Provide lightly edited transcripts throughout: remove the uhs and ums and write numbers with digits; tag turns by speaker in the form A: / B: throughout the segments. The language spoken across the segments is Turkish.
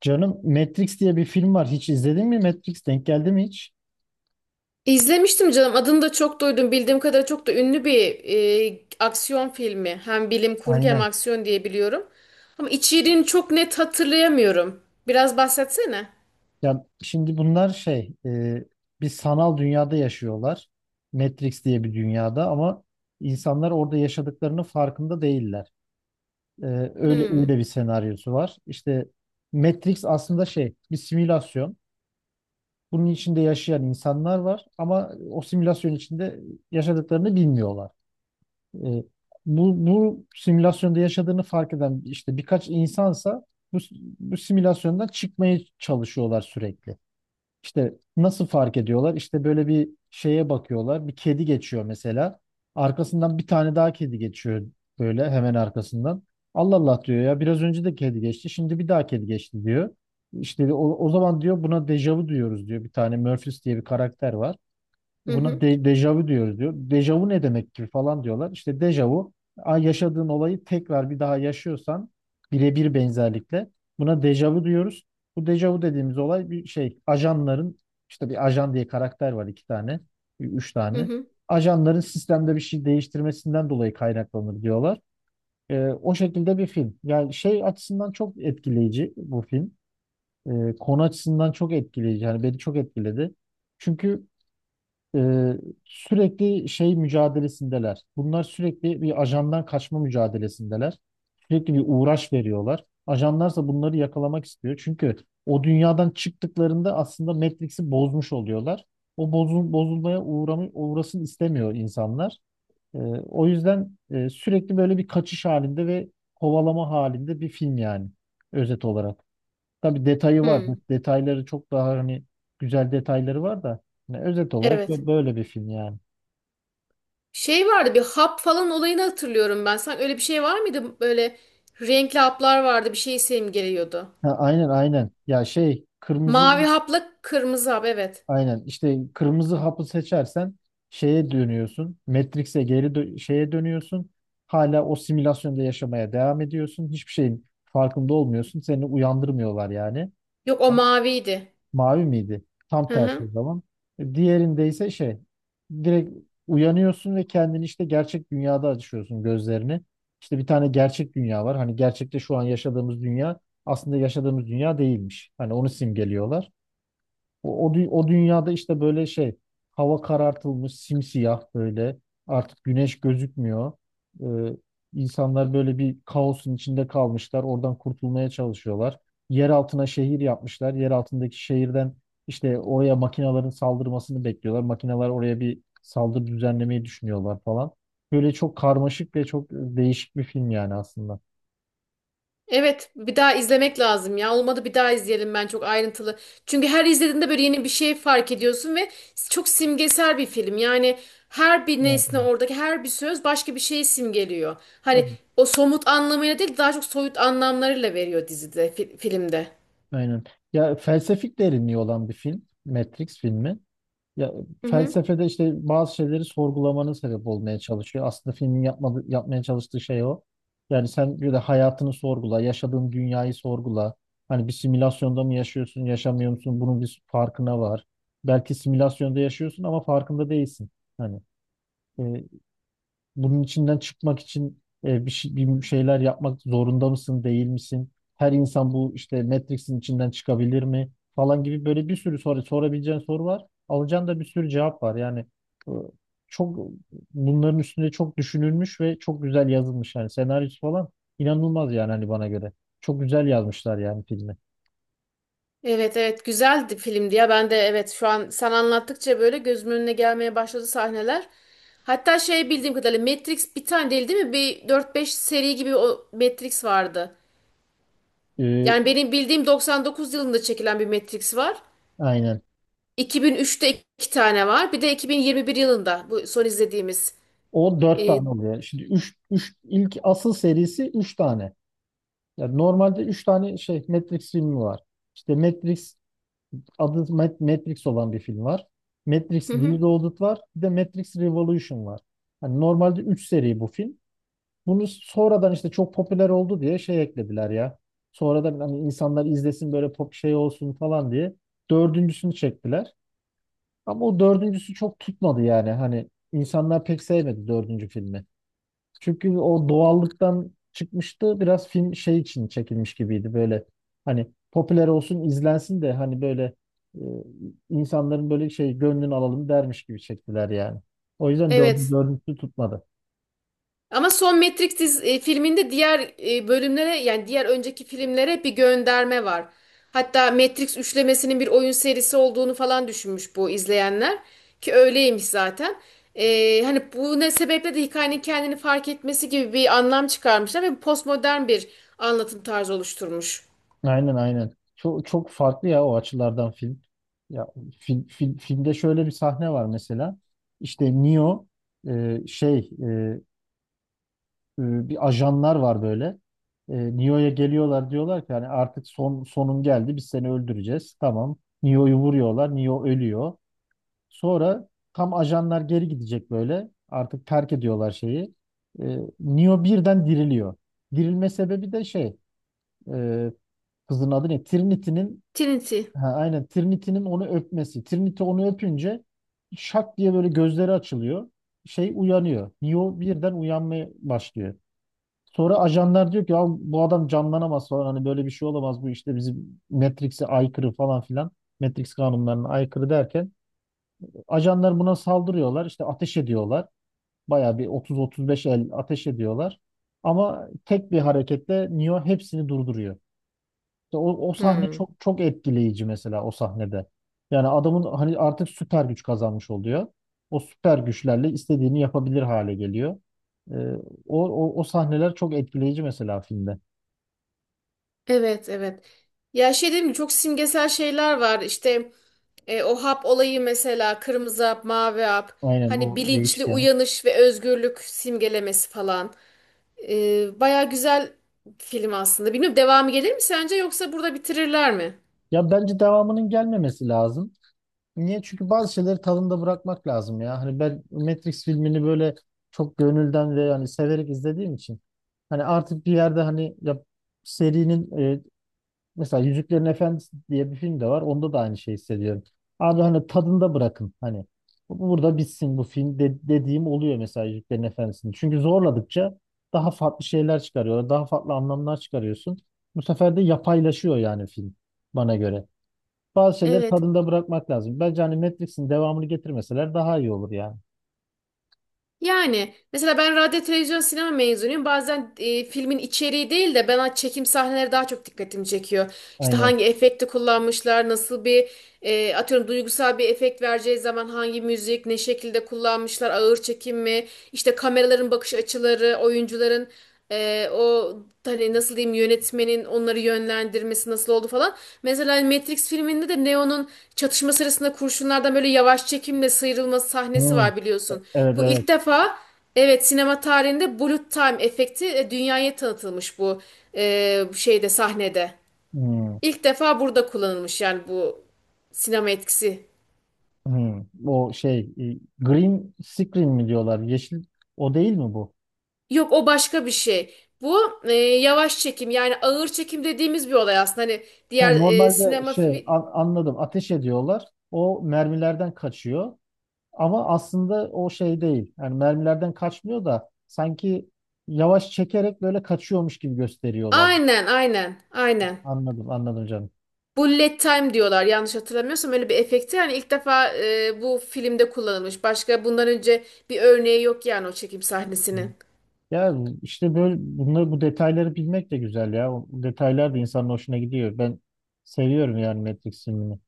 A: Canım Matrix diye bir film var. Hiç izledin mi Matrix? Denk geldi mi hiç?
B: İzlemiştim canım. Adını da çok duydum. Bildiğim kadarıyla çok da ünlü bir aksiyon filmi. Hem bilim kurgu hem
A: Aynen.
B: aksiyon diye biliyorum. Ama içeriğini çok net hatırlayamıyorum. Biraz bahsetsene.
A: Ya şimdi bunlar şey bir sanal dünyada yaşıyorlar. Matrix diye bir dünyada ama insanlar orada yaşadıklarının farkında değiller. E, öyle
B: Hmm.
A: öyle bir senaryosu var. İşte Matrix aslında şey bir simülasyon. Bunun içinde yaşayan insanlar var ama o simülasyon içinde yaşadıklarını bilmiyorlar. E, bu simülasyonda yaşadığını fark eden işte birkaç insansa bu, bu simülasyondan çıkmaya çalışıyorlar sürekli. İşte nasıl fark ediyorlar? İşte böyle bir şeye bakıyorlar. Bir kedi geçiyor mesela. Arkasından bir tane daha kedi geçiyor böyle hemen arkasından. Allah Allah diyor ya, biraz önce de kedi geçti. Şimdi bir daha kedi geçti diyor. İşte o zaman diyor buna dejavu diyoruz diyor. Bir tane Murphys diye bir karakter var.
B: Hı
A: Buna
B: hı.
A: dejavu diyoruz diyor. Dejavu ne demek ki falan diyorlar. İşte dejavu yaşadığın olayı tekrar bir daha yaşıyorsan birebir benzerlikle buna dejavu diyoruz. Bu dejavu dediğimiz olay bir şey, ajanların, işte bir ajan diye karakter var, iki tane, üç
B: Hı
A: tane.
B: hı.
A: Ajanların sistemde bir şey değiştirmesinden dolayı kaynaklanır diyorlar. O şekilde bir film. Yani şey açısından çok etkileyici bu film. Konu açısından çok etkileyici. Yani beni çok etkiledi. Çünkü e, sürekli şey mücadelesindeler. Bunlar sürekli bir ajandan kaçma mücadelesindeler. Sürekli bir uğraş veriyorlar. Ajanlarsa bunları yakalamak istiyor. Çünkü o dünyadan çıktıklarında aslında Matrix'i bozmuş oluyorlar. Bozulmaya uğrasın istemiyor insanlar. E, o yüzden sürekli böyle bir kaçış halinde ve kovalama halinde bir film yani özet olarak. Tabii detayı var. Bu
B: Hmm.
A: detayları çok daha hani, güzel detayları var da. Yani özet olarak
B: Evet.
A: böyle bir film yani.
B: Şey vardı bir hap falan olayını hatırlıyorum ben. Sanki öyle bir şey var mıydı? Böyle renkli haplar vardı. Bir şey simgeliyordu.
A: Ha, aynen aynen. Ya şey kırmızı
B: Mavi hapla kırmızı hap, evet.
A: aynen, işte kırmızı hapı seçersen şeye dönüyorsun. Matrix'e geri şeye dönüyorsun. Hala o simülasyonda yaşamaya devam ediyorsun. Hiçbir şeyin farkında olmuyorsun. Seni uyandırmıyorlar yani.
B: Yok, o maviydi.
A: Mavi miydi? Tam
B: Hı
A: tersi
B: hı.
A: o zaman. Diğerinde ise şey direkt uyanıyorsun ve kendini işte gerçek dünyada açıyorsun gözlerini. İşte bir tane gerçek dünya var. Hani gerçekte şu an yaşadığımız dünya aslında yaşadığımız dünya değilmiş. Hani onu simgeliyorlar. O dünyada işte böyle şey, hava karartılmış, simsiyah, böyle artık güneş gözükmüyor. Ee, insanlar böyle bir kaosun içinde kalmışlar. Oradan kurtulmaya çalışıyorlar. Yer altına şehir yapmışlar. Yer altındaki şehirden işte oraya makinaların saldırmasını bekliyorlar. Makineler oraya bir saldırı düzenlemeyi düşünüyorlar falan. Böyle çok karmaşık ve çok değişik bir film yani aslında.
B: Evet, bir daha izlemek lazım ya. Olmadı bir daha izleyelim, ben çok ayrıntılı. Çünkü her izlediğinde böyle yeni bir şey fark ediyorsun ve çok simgesel bir film. Yani her bir
A: Evet,
B: nesne,
A: evet.
B: oradaki her bir söz başka bir şeyi simgeliyor. Hani
A: Evet,
B: o somut anlamıyla değil, daha çok soyut anlamlarıyla veriyor dizide, filmde.
A: aynen. Ya felsefik derinliği olan bir film Matrix filmi. Ya
B: Hı hı.
A: felsefede işte bazı şeyleri sorgulamana sebep olmaya çalışıyor. Aslında filmin yapmaya çalıştığı şey o. Yani sen bir de hayatını sorgula, yaşadığın dünyayı sorgula. Hani bir simülasyonda mı yaşıyorsun, yaşamıyor musun? Bunun bir farkına var. Belki simülasyonda yaşıyorsun ama farkında değilsin. Hani e, bunun içinden çıkmak için bir şeyler yapmak zorunda mısın, değil misin? Her insan bu işte Matrix'in içinden çıkabilir mi? Falan gibi böyle bir sürü soru sorabileceğin soru var. Alacağın da bir sürü cevap var. Yani e, çok, bunların üstünde çok düşünülmüş ve çok güzel yazılmış. Yani senaryosu falan inanılmaz yani hani bana göre. Çok güzel yazmışlar yani filmi.
B: Evet evet, güzeldi filmdi ya. Ben de evet, şu an sen anlattıkça böyle gözümün önüne gelmeye başladı sahneler. Hatta şey, bildiğim kadarıyla Matrix bir tane değil, değil mi? Bir dört beş seri gibi o Matrix vardı.
A: E,
B: Yani benim bildiğim 99 yılında çekilen bir Matrix var.
A: aynen.
B: 2003'te iki tane var. Bir de 2021 yılında bu son izlediğimiz.
A: O dört
B: Ee,
A: tane oluyor. Şimdi ilk asıl serisi üç tane. Ya normalde 3 tane şey Matrix filmi var. İşte Matrix adı Matrix olan bir film var.
B: hı
A: Matrix
B: hı,
A: Reloaded var. Bir de Matrix Revolution var. Hani normalde 3 seri bu film. Bunu sonradan işte çok popüler oldu diye şey eklediler ya. Sonradan hani insanlar izlesin, böyle pop şey olsun falan diye dördüncüsünü çektiler. Ama o dördüncüsü çok tutmadı yani. Hani insanlar pek sevmedi dördüncü filmi. Çünkü o doğallıktan çıkmıştı. Biraz film şey için çekilmiş gibiydi böyle. Hani popüler olsun, izlensin de hani böyle e, insanların böyle şey gönlünü alalım dermiş gibi çektiler yani. O yüzden
B: evet.
A: dördüncüsü tutmadı.
B: Ama son Matrix filminde diğer bölümlere, yani diğer önceki filmlere bir gönderme var. Hatta Matrix üçlemesinin bir oyun serisi olduğunu falan düşünmüş bu izleyenler. Ki öyleymiş zaten. Hani bu ne sebeple de hikayenin kendini fark etmesi gibi bir anlam çıkarmışlar ve postmodern bir anlatım tarzı oluşturmuş.
A: Aynen aynen. Çok çok farklı ya o açılardan film. Ya filmde şöyle bir sahne var mesela. İşte Neo şey bir ajanlar var böyle. Neo'ya geliyorlar, diyorlar ki hani artık son sonun geldi, biz seni öldüreceğiz. Tamam. Neo'yu vuruyorlar. Neo ölüyor. Sonra tam ajanlar geri gidecek böyle. Artık terk ediyorlar şeyi. Neo birden diriliyor. Dirilme sebebi de şey, e, kızın adı ne? Trinity'nin.
B: Trinity.
A: Ha, aynen, Trinity'nin onu öpmesi. Trinity onu öpünce şak diye böyle gözleri açılıyor. Şey uyanıyor. Neo birden uyanmaya başlıyor. Sonra ajanlar diyor ki, ya bu adam canlanamaz falan, hani böyle bir şey olamaz bu, işte bizim Matrix'e aykırı falan filan. Matrix kanunlarına aykırı derken ajanlar buna saldırıyorlar, işte ateş ediyorlar. Bayağı bir 30-35 el ateş ediyorlar. Ama tek bir hareketle Neo hepsini durduruyor. İşte o sahne
B: Hmm.
A: çok çok etkileyici mesela, o sahnede. Yani adamın hani artık süper güç kazanmış oluyor. O süper güçlerle istediğini yapabilir hale geliyor. Ee, o sahneler çok etkileyici mesela filmde.
B: Evet evet. Ya şey dedim, çok simgesel şeyler var. İşte o hap olayı mesela, kırmızı hap, mavi hap.
A: Aynen,
B: Hani
A: o
B: bilinçli
A: değişken.
B: uyanış ve özgürlük simgelemesi falan. E, baya güzel film aslında. Bilmiyorum, devamı gelir mi sence yoksa burada bitirirler mi?
A: Ya bence devamının gelmemesi lazım. Niye? Çünkü bazı şeyleri tadında bırakmak lazım ya. Hani ben Matrix filmini böyle çok gönülden ve yani severek izlediğim için, hani artık bir yerde hani, ya serinin. Mesela Yüzüklerin Efendisi diye bir film de var. Onda da aynı şeyi hissediyorum. Abi hani tadında bırakın. Hani burada bitsin bu film dediğim oluyor mesela Yüzüklerin Efendisi'ni. Çünkü zorladıkça daha farklı şeyler çıkarıyorlar. Daha farklı anlamlar çıkarıyorsun. Bu sefer de yapaylaşıyor yani film, bana göre. Bazı şeyleri
B: Evet.
A: tadında bırakmak lazım. Bence hani Matrix'in devamını getirmeseler daha iyi olur yani.
B: Yani mesela ben radyo, televizyon, sinema mezunuyum. Bazen filmin içeriği değil de bana çekim sahneleri daha çok dikkatimi çekiyor. İşte
A: Aynen.
B: hangi efekti kullanmışlar, nasıl bir atıyorum duygusal bir efekt vereceği zaman hangi müzik, ne şekilde kullanmışlar, ağır çekim mi, işte kameraların bakış açıları, oyuncuların e, o hani nasıl diyeyim, yönetmenin onları yönlendirmesi nasıl oldu falan. Mesela Matrix filminde de Neo'nun çatışma sırasında kurşunlardan böyle yavaş çekimle sıyrılması sahnesi
A: Hı.
B: var, biliyorsun.
A: Evet
B: Bu
A: evet.
B: ilk defa evet, sinema tarihinde bullet time efekti dünyaya tanıtılmış bu şeyde, sahnede.
A: Hı.
B: İlk defa burada kullanılmış yani bu sinema etkisi.
A: Hı. O şey, Green Screen mi diyorlar? Yeşil, o değil mi bu?
B: Yok, o başka bir şey. Bu yavaş çekim, yani ağır çekim dediğimiz bir olay aslında. Hani
A: Ha,
B: diğer
A: normalde
B: sinema
A: şey, anladım, ateş ediyorlar. O mermilerden kaçıyor. Ama aslında o şey değil. Yani mermilerden kaçmıyor da sanki yavaş çekerek böyle kaçıyormuş gibi gösteriyorlar.
B: aynen aynen aynen.
A: Anladım anladım canım.
B: Bullet time diyorlar yanlış hatırlamıyorsam öyle bir efekti. Yani ilk defa bu filmde kullanılmış. Başka bundan önce bir örneği yok yani o çekim sahnesinin.
A: Ya işte böyle, bu detayları bilmek de güzel ya. O detaylar da insanın hoşuna gidiyor. Ben seviyorum yani Matrix filmini.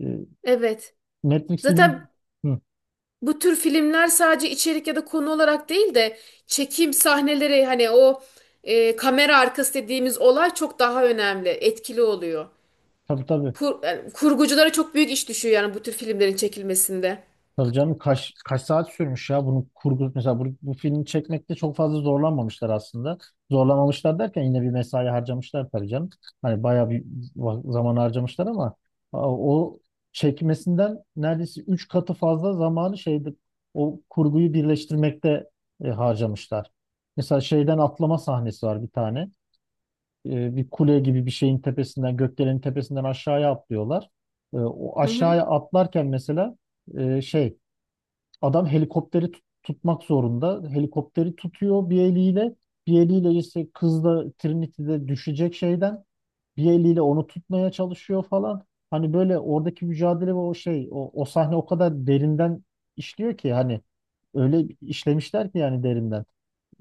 A: Ee,
B: Evet.
A: Matrix filmi.
B: Zaten
A: Hı,
B: bu tür filmler sadece içerik ya da konu olarak değil de çekim sahneleri, hani o kamera arkası dediğimiz olay çok daha önemli, etkili oluyor.
A: tabii tabii.
B: Yani kurguculara çok büyük iş düşüyor yani bu tür filmlerin çekilmesinde.
A: Tabii canım, kaç saat sürmüş ya bunu kurgu mesela, bu filmi çekmekte çok fazla zorlanmamışlar aslında. Zorlamamışlar derken yine bir mesai harcamışlar tabii canım. Hani bayağı bir zaman harcamışlar ama o çekmesinden neredeyse 3 katı fazla zamanı şeyde, o kurguyu birleştirmekte harcamışlar. Mesela şeyden atlama sahnesi var bir tane. Bir kule gibi bir şeyin tepesinden, gökdelenin tepesinden aşağıya atlıyorlar. O aşağıya atlarken mesela şey, adam helikopteri tutmak zorunda. Helikopteri tutuyor bir eliyle. Bir eliyle işte kız da, Trinity'de düşecek şeyden. Bir eliyle onu tutmaya çalışıyor falan. Hani böyle oradaki mücadele ve o şey, o sahne o kadar derinden işliyor ki hani, öyle işlemişler ki yani, derinden.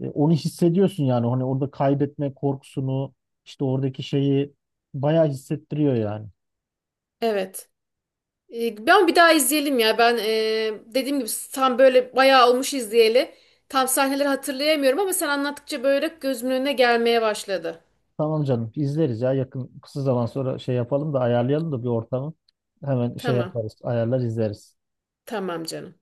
A: Onu hissediyorsun yani, hani orada kaybetme korkusunu, işte oradaki şeyi bayağı hissettiriyor yani.
B: Evet. E, ben bir daha izleyelim ya. Ben dediğim gibi tam böyle bayağı olmuş izleyeli. Tam sahneleri hatırlayamıyorum ama sen anlattıkça böyle gözümün önüne gelmeye başladı.
A: Tamam canım, izleriz ya, yakın kısa zaman sonra şey yapalım da, ayarlayalım da bir ortamı. Hemen şey
B: Tamam.
A: yaparız, ayarlar izleriz.
B: Tamam canım.